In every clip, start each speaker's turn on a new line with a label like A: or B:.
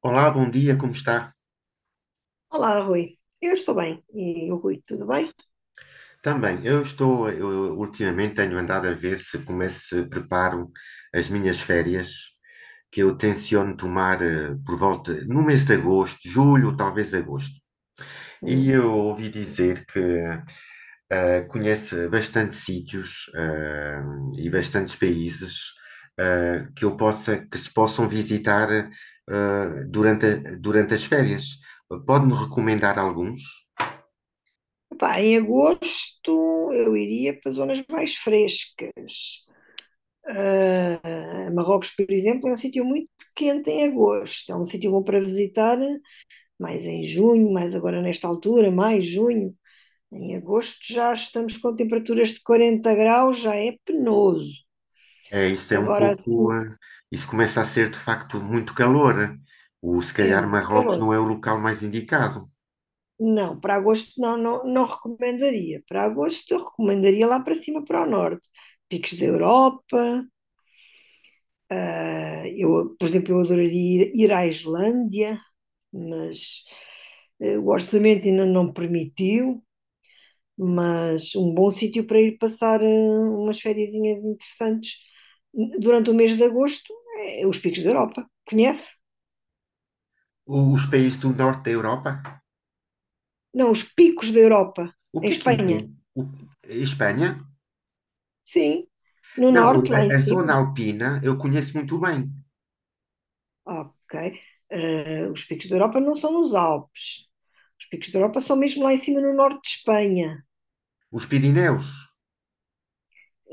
A: Olá, bom dia, como está?
B: Olá, Rui. Eu estou bem. E o Rui, tudo bem?
A: Também, eu ultimamente tenho andado a ver se começo, se preparo as minhas férias, que eu tenciono tomar por volta, no mês de agosto, julho, talvez agosto. E
B: Hum.
A: eu ouvi dizer que conhece bastante sítios e bastantes países que eu possa, que se possam visitar durante, durante as férias. Pode-me recomendar alguns?
B: Epá, em agosto eu iria para zonas mais frescas. Ah, Marrocos, por exemplo, é um sítio muito quente em agosto. É um sítio bom para visitar, mais em junho, mais agora nesta altura, mais junho. Em agosto já estamos com temperaturas de 40 graus, já é penoso.
A: É, isso é um
B: Agora
A: pouco.
B: assim
A: Isso começa a ser, de facto, muito calor. Eh. O, se
B: é
A: calhar
B: muito
A: Marrocos
B: calor.
A: não é o local mais indicado.
B: Não, para agosto não, não, não recomendaria. Para agosto eu recomendaria lá para cima, para o norte. Picos da Europa. Ah, eu, por exemplo, eu adoraria ir à Islândia, mas o orçamento ainda não permitiu. Mas um bom sítio para ir passar umas fériasinhas interessantes durante o mês de agosto é os Picos da Europa. Conhece?
A: Os países do norte da Europa?
B: Não, os Picos da Europa,
A: O
B: em
A: que é que
B: Espanha.
A: entende? Espanha?
B: Sim, no
A: Não,
B: norte, lá em
A: a zona
B: cima.
A: alpina eu conheço muito bem.
B: Ok. Os picos da Europa não são nos Alpes. Os picos da Europa são mesmo lá em cima no norte de Espanha.
A: Os Pirineus.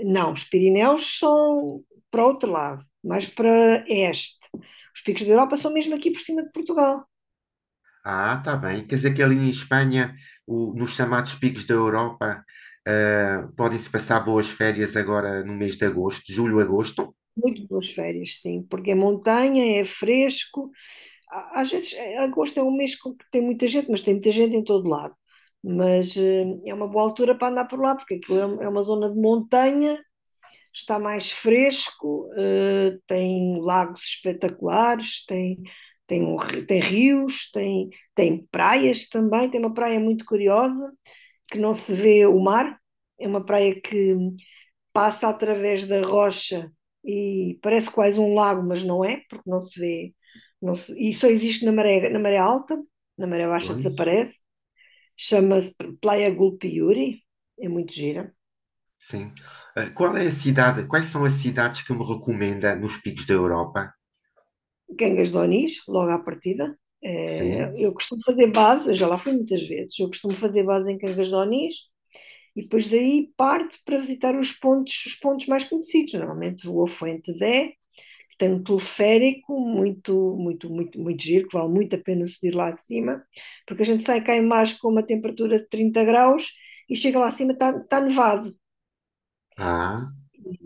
B: Não, os Pirineus são para outro lado, mais para este. Os picos da Europa são mesmo aqui por cima de Portugal.
A: Ah, tá bem. Quer dizer que ali em Espanha, nos chamados picos da Europa, podem-se passar boas férias agora no mês de agosto, julho, agosto?
B: Muito boas férias, sim, porque é montanha, é fresco. Às vezes, agosto é um mês com que tem muita gente, mas tem muita gente em todo lado. Mas é uma boa altura para andar por lá, porque é uma zona de montanha, está mais fresco, tem lagos espetaculares, tem, um tem rios, tem praias também. Tem uma praia muito curiosa, que não se vê o mar, é uma praia que passa através da rocha e parece quase um lago, mas não é, porque não se vê, e só existe na maré alta, na maré baixa
A: Pois.
B: desaparece. Chama-se Playa Gulpiuri, é muito gira.
A: Sim. Eh, qual é a cidade quais são as cidades que me recomenda nos picos da Europa?
B: Gangas de Onis, logo à partida. Eh,
A: Sim.
B: Eu costumo fazer base, eu já lá fui muitas vezes, eu costumo fazer base em Cangas de Onis e depois daí parte para visitar os pontos mais conhecidos. Normalmente vou a Fuente Dé, que tem um teleférico muito, muito, muito, muito giro, que vale muito a pena subir lá acima, porque a gente sai cá em baixo com uma temperatura de 30 graus e chega lá acima está nevado.
A: Ah,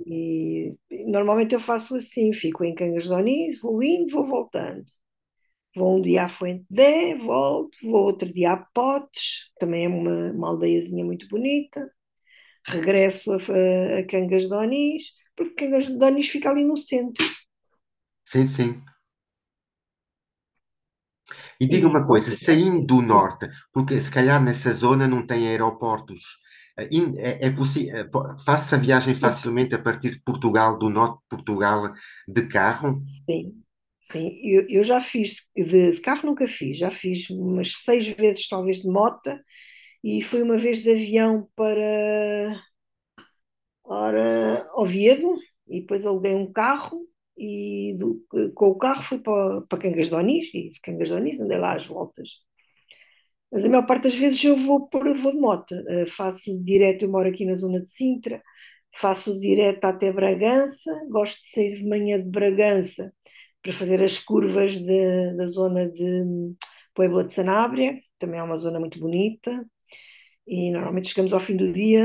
B: E normalmente eu faço assim, fico em Cangas de Onis, vou indo, vou voltando. Vou um dia à Fuente, volto, vou outro dia a Potes, também é uma aldeiazinha muito bonita, regresso a Cangas de Onis, porque Cangas de Onis fica ali no centro.
A: sim, sim. E diga
B: E
A: uma
B: pronto,
A: coisa, saindo do
B: sim,
A: norte, porque se calhar nessa zona não tem aeroportos, eh, in é é possi eh, po faço a viagem facilmente a partir de Portugal, do norte de Portugal, de carro?
B: sim, sim. Eu já fiz, de carro nunca fiz, já fiz umas seis vezes talvez de mota, e fui uma vez de avião para Oviedo, e depois aluguei um carro, e com o carro fui para Cangas de Onis, e de Cangas de Onis andei lá às voltas. Mas a maior parte das vezes eu vou, vou de moto, faço direto, eu moro aqui na zona de Sintra, faço direto até Bragança, gosto de sair de manhã de Bragança para fazer as curvas da zona de Puebla de Sanabria, também é uma zona muito bonita, e normalmente chegamos ao fim do dia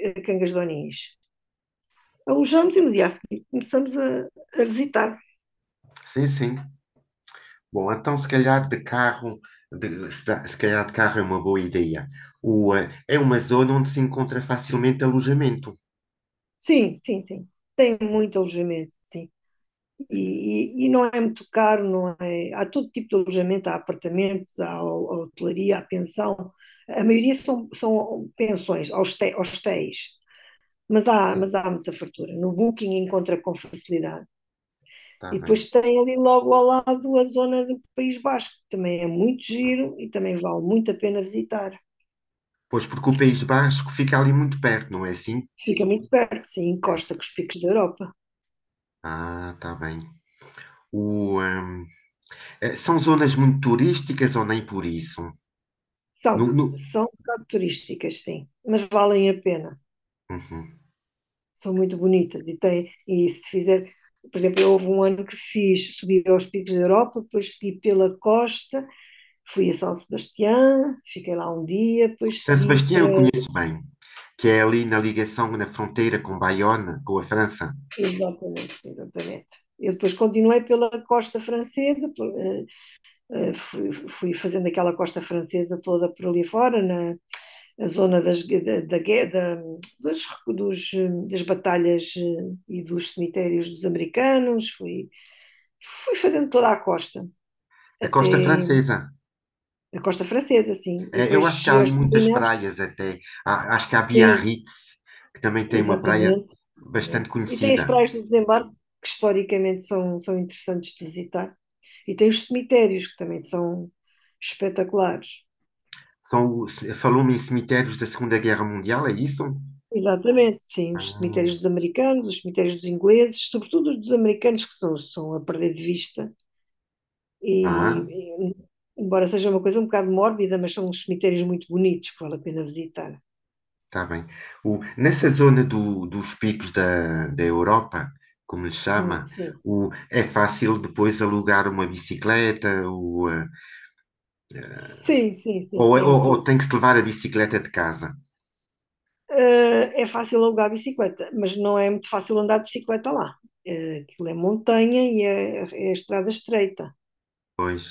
B: a Cangas de Onis, alojamos e no dia a seguir começamos a visitar.
A: Sim, sim. Bom, então se calhar de carro de se da se calhar de carro é uma boa ideia. O, é uma zona onde se encontra facilmente alojamento.
B: Sim, sim, sim. Tem muito alojamento, sim. E não é muito caro, não é? Há todo tipo de alojamento, há apartamentos, há hotelaria, há pensão. A maioria são pensões, hostéis, mas há,
A: Sim,
B: mas há muita fartura. No Booking encontra com facilidade.
A: está
B: E
A: bem.
B: depois tem ali logo ao lado a zona do País Basco, que também é muito giro e também vale muito a pena visitar.
A: Pois, porque o País Basco fica ali muito perto, não é assim?
B: Fica muito perto, sim,
A: É.
B: encosta com os picos da Europa.
A: Ah, está bem. O, são zonas muito turísticas ou nem por isso? No,
B: São,
A: no-
B: são um bocado turísticas, sim, mas valem a pena.
A: Uhum.
B: São muito bonitas e e se fizer, por exemplo, houve um ano que fiz, subi aos picos da Europa, depois segui pela costa, fui a São Sebastião, fiquei lá um dia, depois
A: São
B: segui
A: Sebastião
B: para.
A: eu conheço bem, que é ali na ligação, na fronteira com Bayonne, com a França,
B: Exatamente, exatamente. Eu depois continuei pela costa francesa, fui fazendo aquela costa francesa toda por ali fora, a zona da, dos, dos, das batalhas e dos cemitérios dos americanos, fui fazendo toda a costa,
A: a costa
B: até
A: francesa.
B: a costa francesa, sim. E
A: Eu
B: depois
A: acho que há
B: cheguei aos
A: ali muitas
B: Pirineus,
A: praias até. Acho que há
B: sim,
A: Biarritz, que também tem uma praia
B: exatamente,
A: bastante
B: exatamente. E tem as
A: conhecida.
B: praias do desembarque, que historicamente são interessantes de visitar. E tem os cemitérios, que também são espetaculares.
A: São, os- falou-me em cemitérios da Segunda Guerra Mundial, é isso?
B: Exatamente, sim, os
A: Ah,
B: cemitérios dos americanos, os cemitérios dos ingleses, sobretudo os dos americanos que são a perder de vista. E,
A: ah,
B: e, embora seja uma coisa um bocado mórbida, mas são uns cemitérios muito bonitos que vale a pena visitar.
A: está bem. Nessa zona dos picos da Europa, como lhe chama,
B: Sim,
A: é fácil depois alugar uma bicicleta o,
B: sim, sim, sim,
A: ou,
B: tem
A: ou
B: tudo.
A: tem que se levar a bicicleta de casa.
B: É fácil alugar bicicleta, mas não é muito fácil andar de bicicleta lá. Aquilo é montanha e é estrada estreita.
A: Pois,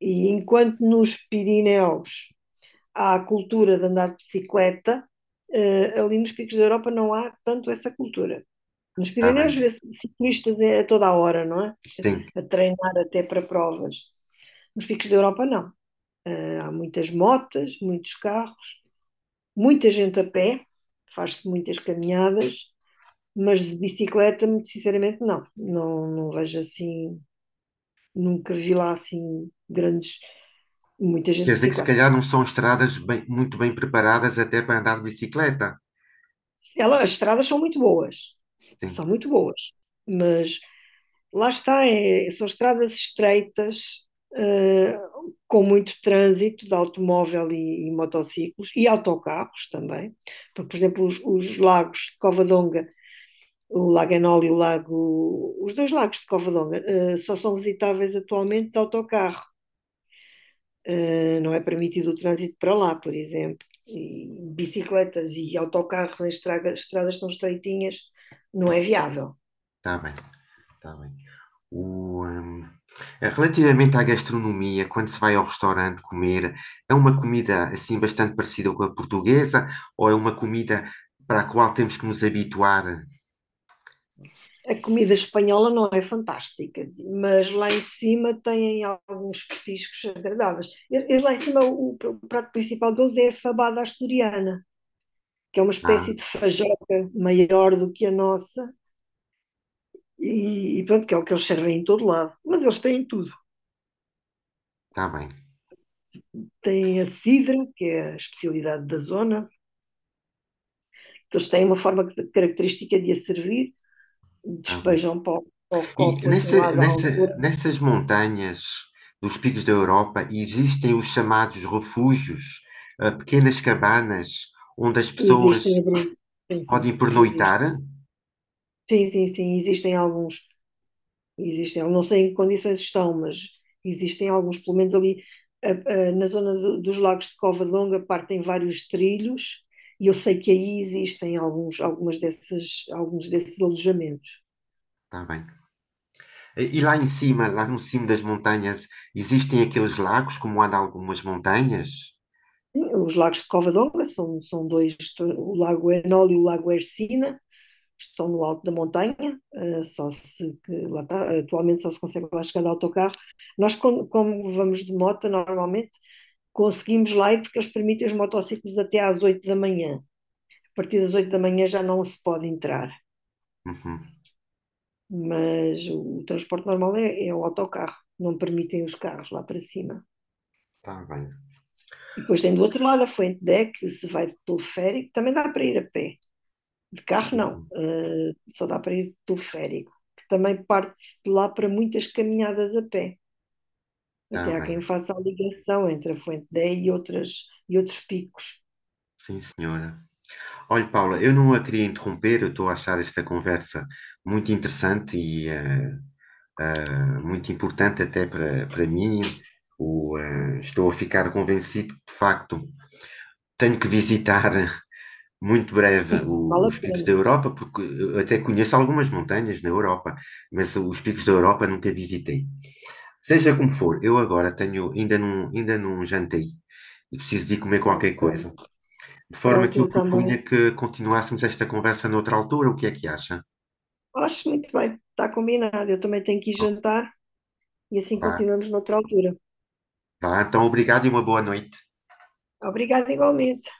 B: E enquanto nos Pirineus há a cultura de andar de bicicleta, ali nos picos da Europa não há tanto essa cultura. Nos
A: está bem.
B: Pirineus vê-se ciclistas a toda a hora, não é?
A: Sim.
B: A treinar até para provas. Nos picos da Europa não. Há muitas motas, muitos carros, muita gente a pé, faz-se muitas caminhadas, mas de bicicleta, muito sinceramente, não. Não, não vejo assim, nunca vi lá assim grandes, muita gente
A: Quer
B: de
A: dizer que se calhar
B: bicicleta.
A: não são estradas muito bem preparadas até para andar de bicicleta.
B: As estradas
A: Sim,
B: são muito boas, mas lá está, são estradas estreitas, eh, com muito trânsito de automóvel e motociclos e autocarros também. Porque, por exemplo, os lagos de Covadonga, o Lago Enol e os dois lagos de Covadonga, só são visitáveis atualmente de autocarro. Não é permitido o trânsito para lá, por exemplo. E bicicletas e autocarros em estradas tão estreitinhas não é viável.
A: está bem, está bem. O, relativamente à gastronomia, quando se vai ao restaurante comer, é uma comida assim bastante parecida com a portuguesa ou é uma comida para a qual temos que nos habituar?
B: A comida espanhola não é fantástica, mas lá em cima têm alguns petiscos agradáveis. Eles lá em cima, o prato principal deles é a fabada asturiana, que é uma
A: Ah,
B: espécie de fajoca maior do que a nossa, e pronto, que é o que eles servem em todo lado. Mas eles têm tudo.
A: está bem,
B: Têm a cidra, que é a especialidade da zona, eles têm uma forma característica de a servir,
A: está bem.
B: despejam para o
A: E
B: copo assim lá da altura.
A: nessas montanhas dos picos da Europa existem os chamados refúgios, ah, pequenas cabanas onde as pessoas
B: Existem, sim, sim,
A: podem
B: existem.
A: pernoitar?
B: Sim, sim, sim, existem alguns. Existem, eu não sei em que condições estão, mas existem alguns, pelo menos ali a- na zona dos lagos de Cova de Longa, partem vários trilhos e eu sei que aí existem alguns, alguns desses alojamentos.
A: Está bem. E lá em cima, lá no cimo das montanhas, existem aqueles lagos como há de algumas montanhas?
B: Sim, os lagos de Cova de Longa são dois, o Lago Enol e o Lago Ercina, estão no alto da montanha, só se, que lá está, atualmente só se consegue lá chegar de autocarro. Nós, como vamos de moto, normalmente conseguimos lá ir porque eles permitem os motociclos até às 8 da manhã. A partir das 8 da manhã já não se pode entrar,
A: Uhum.
B: mas o transporte normal é o autocarro, não permitem os carros lá para cima.
A: Está bem.
B: E depois tem do outro lado a Fuente Dé, que se vai de teleférico, também dá para ir a pé. De carro não,
A: Uhum.
B: só dá para ir de teleférico. Que também parte-se de lá para muitas caminhadas a pé.
A: Está
B: Até há quem
A: bem.
B: faça a ligação entre a Fuente Deck e outros picos.
A: Sim, senhora. Olha, Paula, eu não a queria interromper, eu estou a achar esta conversa muito interessante e eh, muito importante até para mim. O, estou a ficar convencido que, de facto, tenho que visitar muito breve
B: Vale a
A: os picos da
B: pena.
A: Europa, porque eu até conheço algumas montanhas na Europa, mas os picos da Europa nunca visitei. Seja como for, eu agora tenho, ainda não jantei e preciso de ir comer
B: Ah,
A: qualquer coisa.
B: ok.
A: De forma que
B: Pronto,
A: eu
B: eu
A: propunha
B: também
A: que continuássemos esta conversa noutra altura, o que é que acha?
B: acho muito bem, está combinado. Eu também tenho que ir jantar e assim
A: Vá,
B: continuamos noutra altura.
A: vá, então obrigado e uma boa noite.
B: Obrigada igualmente.